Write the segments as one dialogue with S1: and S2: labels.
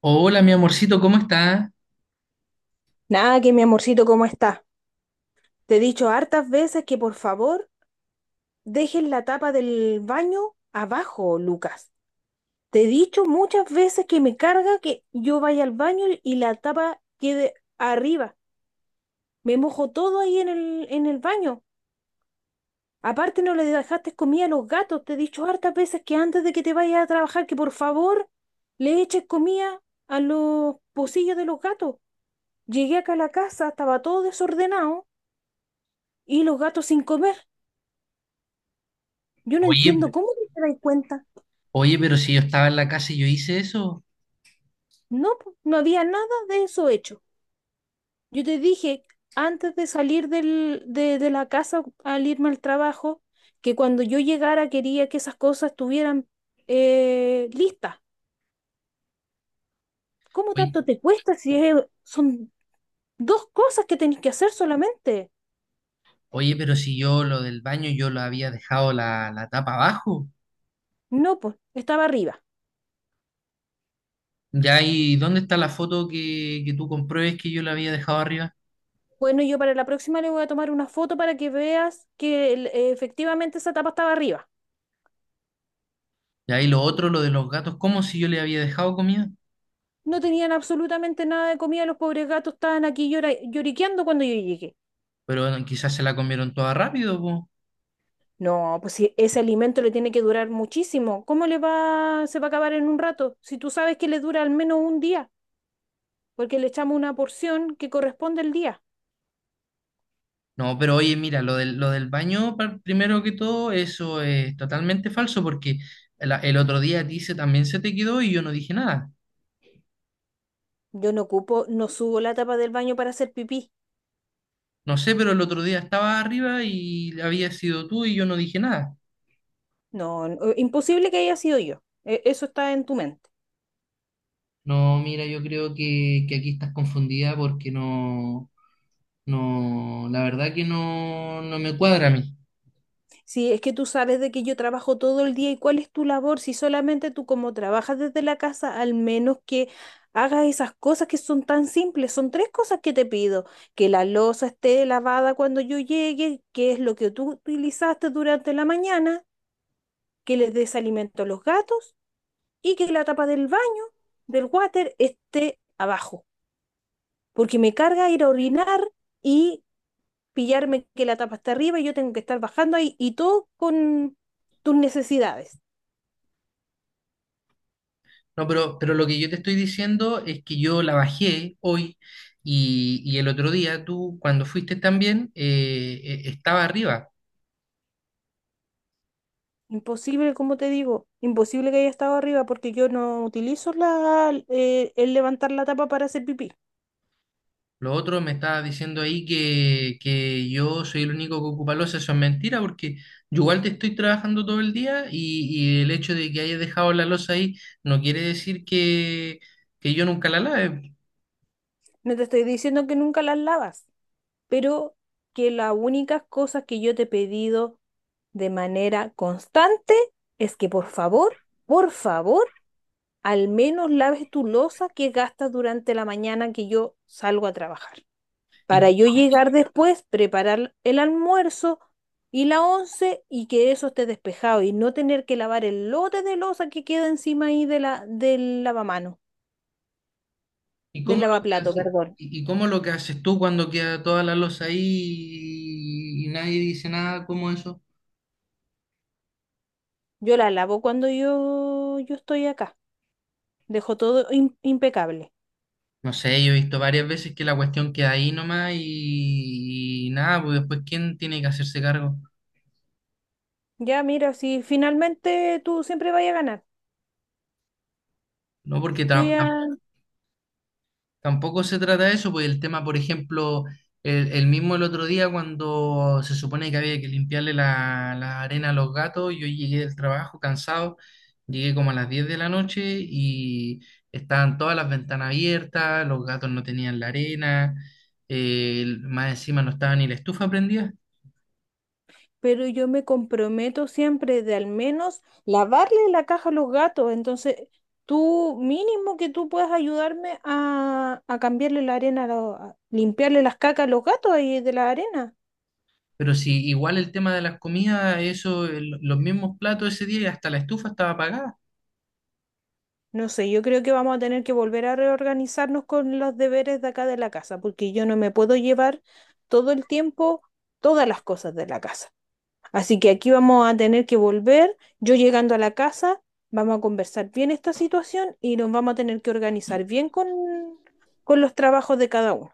S1: Hola, mi amorcito, ¿cómo está?
S2: Nada, que mi amorcito, ¿cómo está? Te he dicho hartas veces que por favor dejes la tapa del baño abajo, Lucas. Te he dicho muchas veces que me carga que yo vaya al baño y la tapa quede arriba. Me mojo todo ahí en el baño. Aparte no le dejaste comida a los gatos. Te he dicho hartas veces que antes de que te vayas a trabajar, que por favor le eches comida a los pocillos de los gatos. Llegué acá a la casa, estaba todo desordenado y los gatos sin comer. Yo no
S1: Oye,
S2: entiendo
S1: pe-
S2: cómo no te das cuenta.
S1: Oye, pero si yo estaba en la casa y yo hice eso.
S2: No, po, no había nada de eso hecho. Yo te dije antes de salir de la casa al irme al trabajo que cuando yo llegara quería que esas cosas estuvieran listas. ¿Cómo
S1: Oye,
S2: tanto te cuesta si son dos cosas que tenés que hacer solamente?
S1: oye, pero si yo lo del baño, yo lo había dejado la tapa abajo.
S2: No, pues estaba arriba.
S1: Ya, ¿y dónde está la foto que tú compruebes que yo la había dejado arriba?
S2: Bueno, yo para la próxima le voy a tomar una foto para que veas que efectivamente esa tapa estaba arriba.
S1: Ya, y lo otro, lo de los gatos, ¿cómo si yo le había dejado comida?
S2: No tenían absolutamente nada de comida, los pobres gatos estaban aquí lloriqueando cuando yo llegué.
S1: Pero bueno, quizás se la comieron toda rápido, po.
S2: No, pues si ese alimento le tiene que durar muchísimo, ¿cómo se va a acabar en un rato? Si tú sabes que le dura al menos un día, porque le echamos una porción que corresponde al día.
S1: No, pero oye, mira, lo del baño, primero que todo, eso es totalmente falso porque el otro día a ti también se te quedó y yo no dije nada.
S2: Yo no ocupo, no subo la tapa del baño para hacer pipí.
S1: No sé, pero el otro día estaba arriba y había sido tú y yo no dije nada.
S2: No, no, imposible que haya sido yo. Eso está en tu mente.
S1: No, mira, yo creo que aquí estás confundida porque no, la verdad que no me cuadra a mí.
S2: Si es que tú sabes de que yo trabajo todo el día y cuál es tu labor. Si solamente tú como trabajas desde la casa, al menos que hagas esas cosas que son tan simples. Son tres cosas que te pido. Que la loza esté lavada cuando yo llegue, que es lo que tú utilizaste durante la mañana, que les des alimento a los gatos y que la tapa del baño, del water, esté abajo. Porque me carga ir a orinar y pillarme que la tapa está arriba y yo tengo que estar bajando ahí y todo con tus necesidades.
S1: No, pero lo que yo te estoy diciendo es que yo la bajé hoy y el otro día tú, cuando fuiste también, estaba arriba.
S2: Imposible, como te digo, imposible que haya estado arriba porque yo no utilizo el levantar la tapa para hacer pipí.
S1: Lo otro me estaba diciendo ahí que yo soy el único que ocupa losa, eso es mentira porque yo igual te estoy trabajando todo el día y el hecho de que hayas dejado la losa ahí no quiere decir que yo nunca la lave.
S2: No te estoy diciendo que nunca las lavas, pero que las únicas cosas que yo te he pedido de manera constante es que por favor, al menos laves tu loza que gastas durante la mañana que yo salgo a trabajar,
S1: ¿Y,
S2: para yo llegar después, preparar el almuerzo y la once y que eso esté despejado y no tener que lavar el lote de losa que queda encima ahí del lavamano,
S1: y
S2: del
S1: cómo lo que
S2: lavaplato,
S1: haces,
S2: perdón.
S1: y cómo lo que haces tú cuando queda toda la losa ahí y nadie dice nada como eso?
S2: Yo la lavo cuando yo estoy acá. Dejo todo impecable.
S1: No sé, yo he visto varias veces que la cuestión queda ahí nomás y nada, pues después ¿quién tiene que hacerse cargo?
S2: Ya, mira, si finalmente tú siempre vayas a ganar.
S1: No, porque
S2: Yo
S1: ta-
S2: ya,
S1: Tampoco se trata de eso, pues el tema, por ejemplo, el mismo el otro día cuando se supone que había que limpiarle la arena a los gatos, yo llegué del trabajo cansado, llegué como a las 10 de la noche y estaban todas las ventanas abiertas, los gatos no tenían la arena, más encima no estaba ni la estufa prendida,
S2: pero yo me comprometo siempre de al menos lavarle la caja a los gatos. Entonces, tú mínimo que tú puedas ayudarme a cambiarle la arena, a limpiarle las cacas a los gatos ahí de la arena.
S1: pero sí, igual el tema de las comidas, eso, los mismos platos ese día y hasta la estufa estaba apagada.
S2: No sé, yo creo que vamos a tener que volver a reorganizarnos con los deberes de acá de la casa, porque yo no me puedo llevar todo el tiempo todas las cosas de la casa. Así que aquí vamos a tener que volver. Yo llegando a la casa, vamos a conversar bien esta situación y nos vamos a tener que organizar bien con los trabajos de cada uno.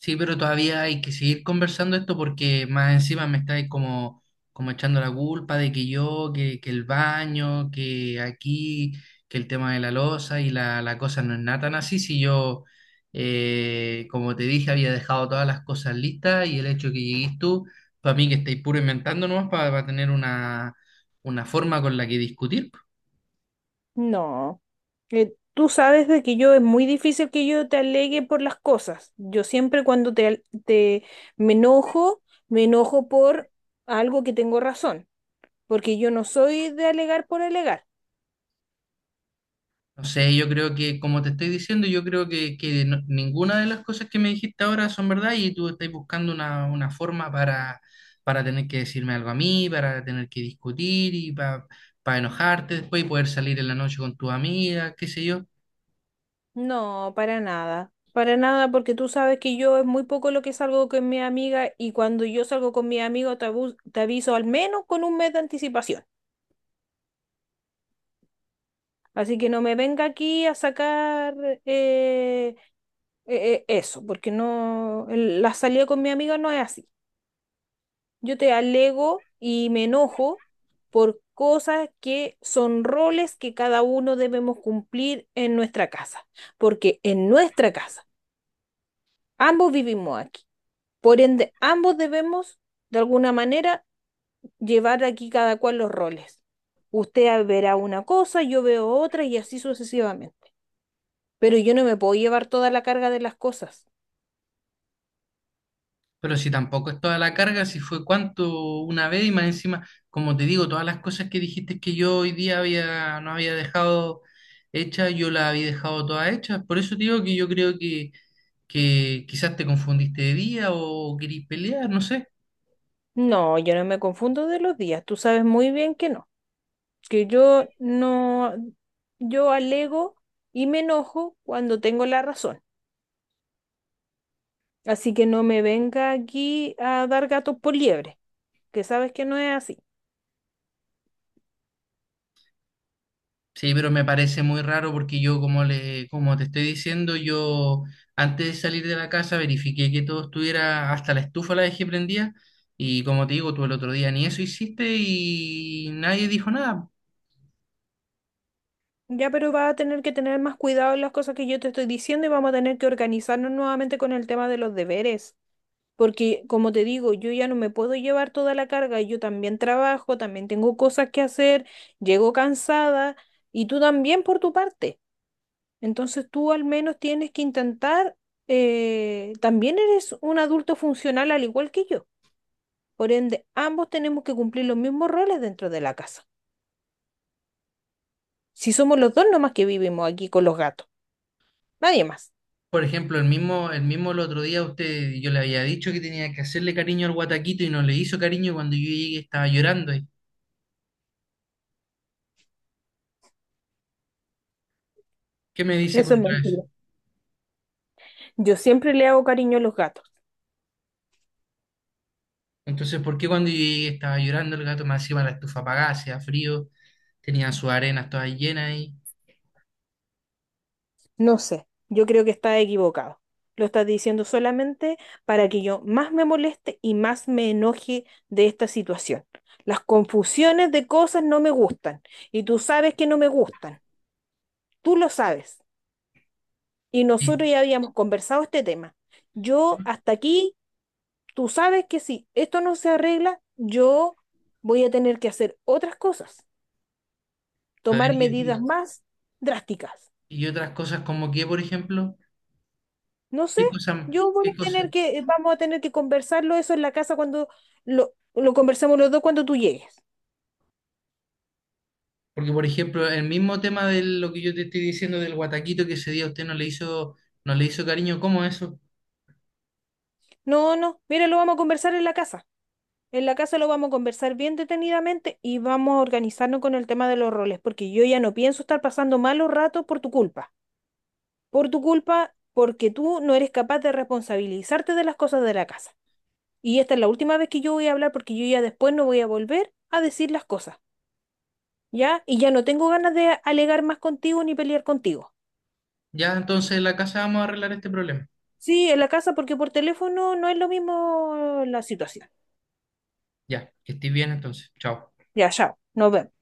S1: Sí, pero todavía hay que seguir conversando esto porque más encima me estáis como, como echando la culpa de que yo, que el baño, que aquí, que el tema de la loza y la cosa no es nada tan así. Si yo, como te dije, había dejado todas las cosas listas y el hecho que llegues tú, para mí que estáis puro inventando nomás para tener una forma con la que discutir.
S2: No, tú sabes de que yo es muy difícil que yo te alegue por las cosas. Yo siempre cuando te, al- te me enojo, me enojo por algo que tengo razón, porque yo no soy de alegar por alegar.
S1: No sé, yo creo que, como te estoy diciendo, yo creo que ninguna de las cosas que me dijiste ahora son verdad y tú estás buscando una forma para tener que decirme algo a mí, para tener que discutir y para enojarte después y poder salir en la noche con tu amiga, qué sé yo.
S2: No, para nada. Para nada, porque tú sabes que yo es muy poco lo que salgo con mi amiga y cuando yo salgo con mi amigo te aviso al menos con un mes de anticipación. Así que no me venga aquí a sacar eh, eh, eso, porque no, la salida con mi amiga no es así. Yo te alego y me enojo por cosas que son roles que cada uno debemos cumplir en nuestra casa, porque en nuestra casa ambos vivimos aquí. Por ende, ambos debemos, de alguna manera, llevar aquí cada cual los roles. Usted verá una cosa, yo veo otra y así sucesivamente. Pero yo no me puedo llevar toda la carga de las cosas.
S1: Pero si tampoco es toda la carga, si fue cuánto una vez y más encima, como te digo, todas las cosas que dijiste que yo hoy día no había dejado hechas, yo las había dejado todas hechas. Por eso te digo que yo creo que quizás te confundiste de día o querís pelear, no sé.
S2: No, yo no me confundo de los días. Tú sabes muy bien que no. Que yo no, yo alego y me enojo cuando tengo la razón. Así que no me venga aquí a dar gatos por liebre, que sabes que no es así.
S1: Sí, pero me parece muy raro porque yo, como te estoy diciendo, yo antes de salir de la casa verifiqué que todo estuviera, hasta la estufa la dejé prendida y como te digo, tú el otro día ni eso hiciste y nadie dijo nada.
S2: Ya, pero va a tener que tener más cuidado en las cosas que yo te estoy diciendo y vamos a tener que organizarnos nuevamente con el tema de los deberes. Porque, como te digo, yo ya no me puedo llevar toda la carga. Yo también trabajo, también tengo cosas que hacer, llego cansada y tú también por tu parte. Entonces tú al menos tienes que intentar, también eres un adulto funcional al igual que yo. Por ende, ambos tenemos que cumplir los mismos roles dentro de la casa. Si somos los dos nomás que vivimos aquí con los gatos, nadie más.
S1: Por ejemplo, el mismo el otro día usted, yo le había dicho que tenía que hacerle cariño al guataquito y no le hizo cariño y cuando yo llegué estaba llorando. ¿Qué me dice
S2: Eso es
S1: contra eso?
S2: mentira. Yo siempre le hago cariño a los gatos.
S1: Entonces, ¿por qué cuando yo llegué estaba llorando el gato? Más encima la estufa apagada, hacía frío, tenía sus arenas todas llenas ahí,
S2: No sé, yo creo que está equivocado. Lo estás diciendo solamente para que yo más me moleste y más me enoje de esta situación. Las confusiones de cosas no me gustan y tú sabes que no me gustan. Tú lo sabes. Y
S1: y-
S2: nosotros ya habíamos conversado este tema. Yo hasta aquí, tú sabes que si esto no se arregla, yo voy a tener que hacer otras cosas,
S1: a ver,
S2: tomar
S1: y,
S2: medidas más drásticas.
S1: y- y otras cosas como que, por ejemplo,
S2: No sé, yo voy
S1: ¿qué
S2: a
S1: cosas?
S2: tener que, vamos a tener que conversarlo eso en la casa cuando lo conversemos los dos cuando tú llegues.
S1: Porque, por ejemplo, el mismo tema de lo que yo te estoy diciendo del guataquito que ese día usted no le hizo cariño, ¿cómo eso?
S2: No, no, mira, lo vamos a conversar en la casa. En la casa lo vamos a conversar bien detenidamente y vamos a organizarnos con el tema de los roles, porque yo ya no pienso estar pasando malos ratos por tu culpa. Por tu culpa, porque tú no eres capaz de responsabilizarte de las cosas de la casa. Y esta es la última vez que yo voy a hablar porque yo ya después no voy a volver a decir las cosas, ¿ya? Y ya no tengo ganas de alegar más contigo ni pelear contigo.
S1: Ya, entonces en la casa vamos a arreglar este problema.
S2: Sí, en la casa porque por teléfono no es lo mismo la situación.
S1: Ya, que estés bien entonces. Chao.
S2: Ya, chao, nos vemos.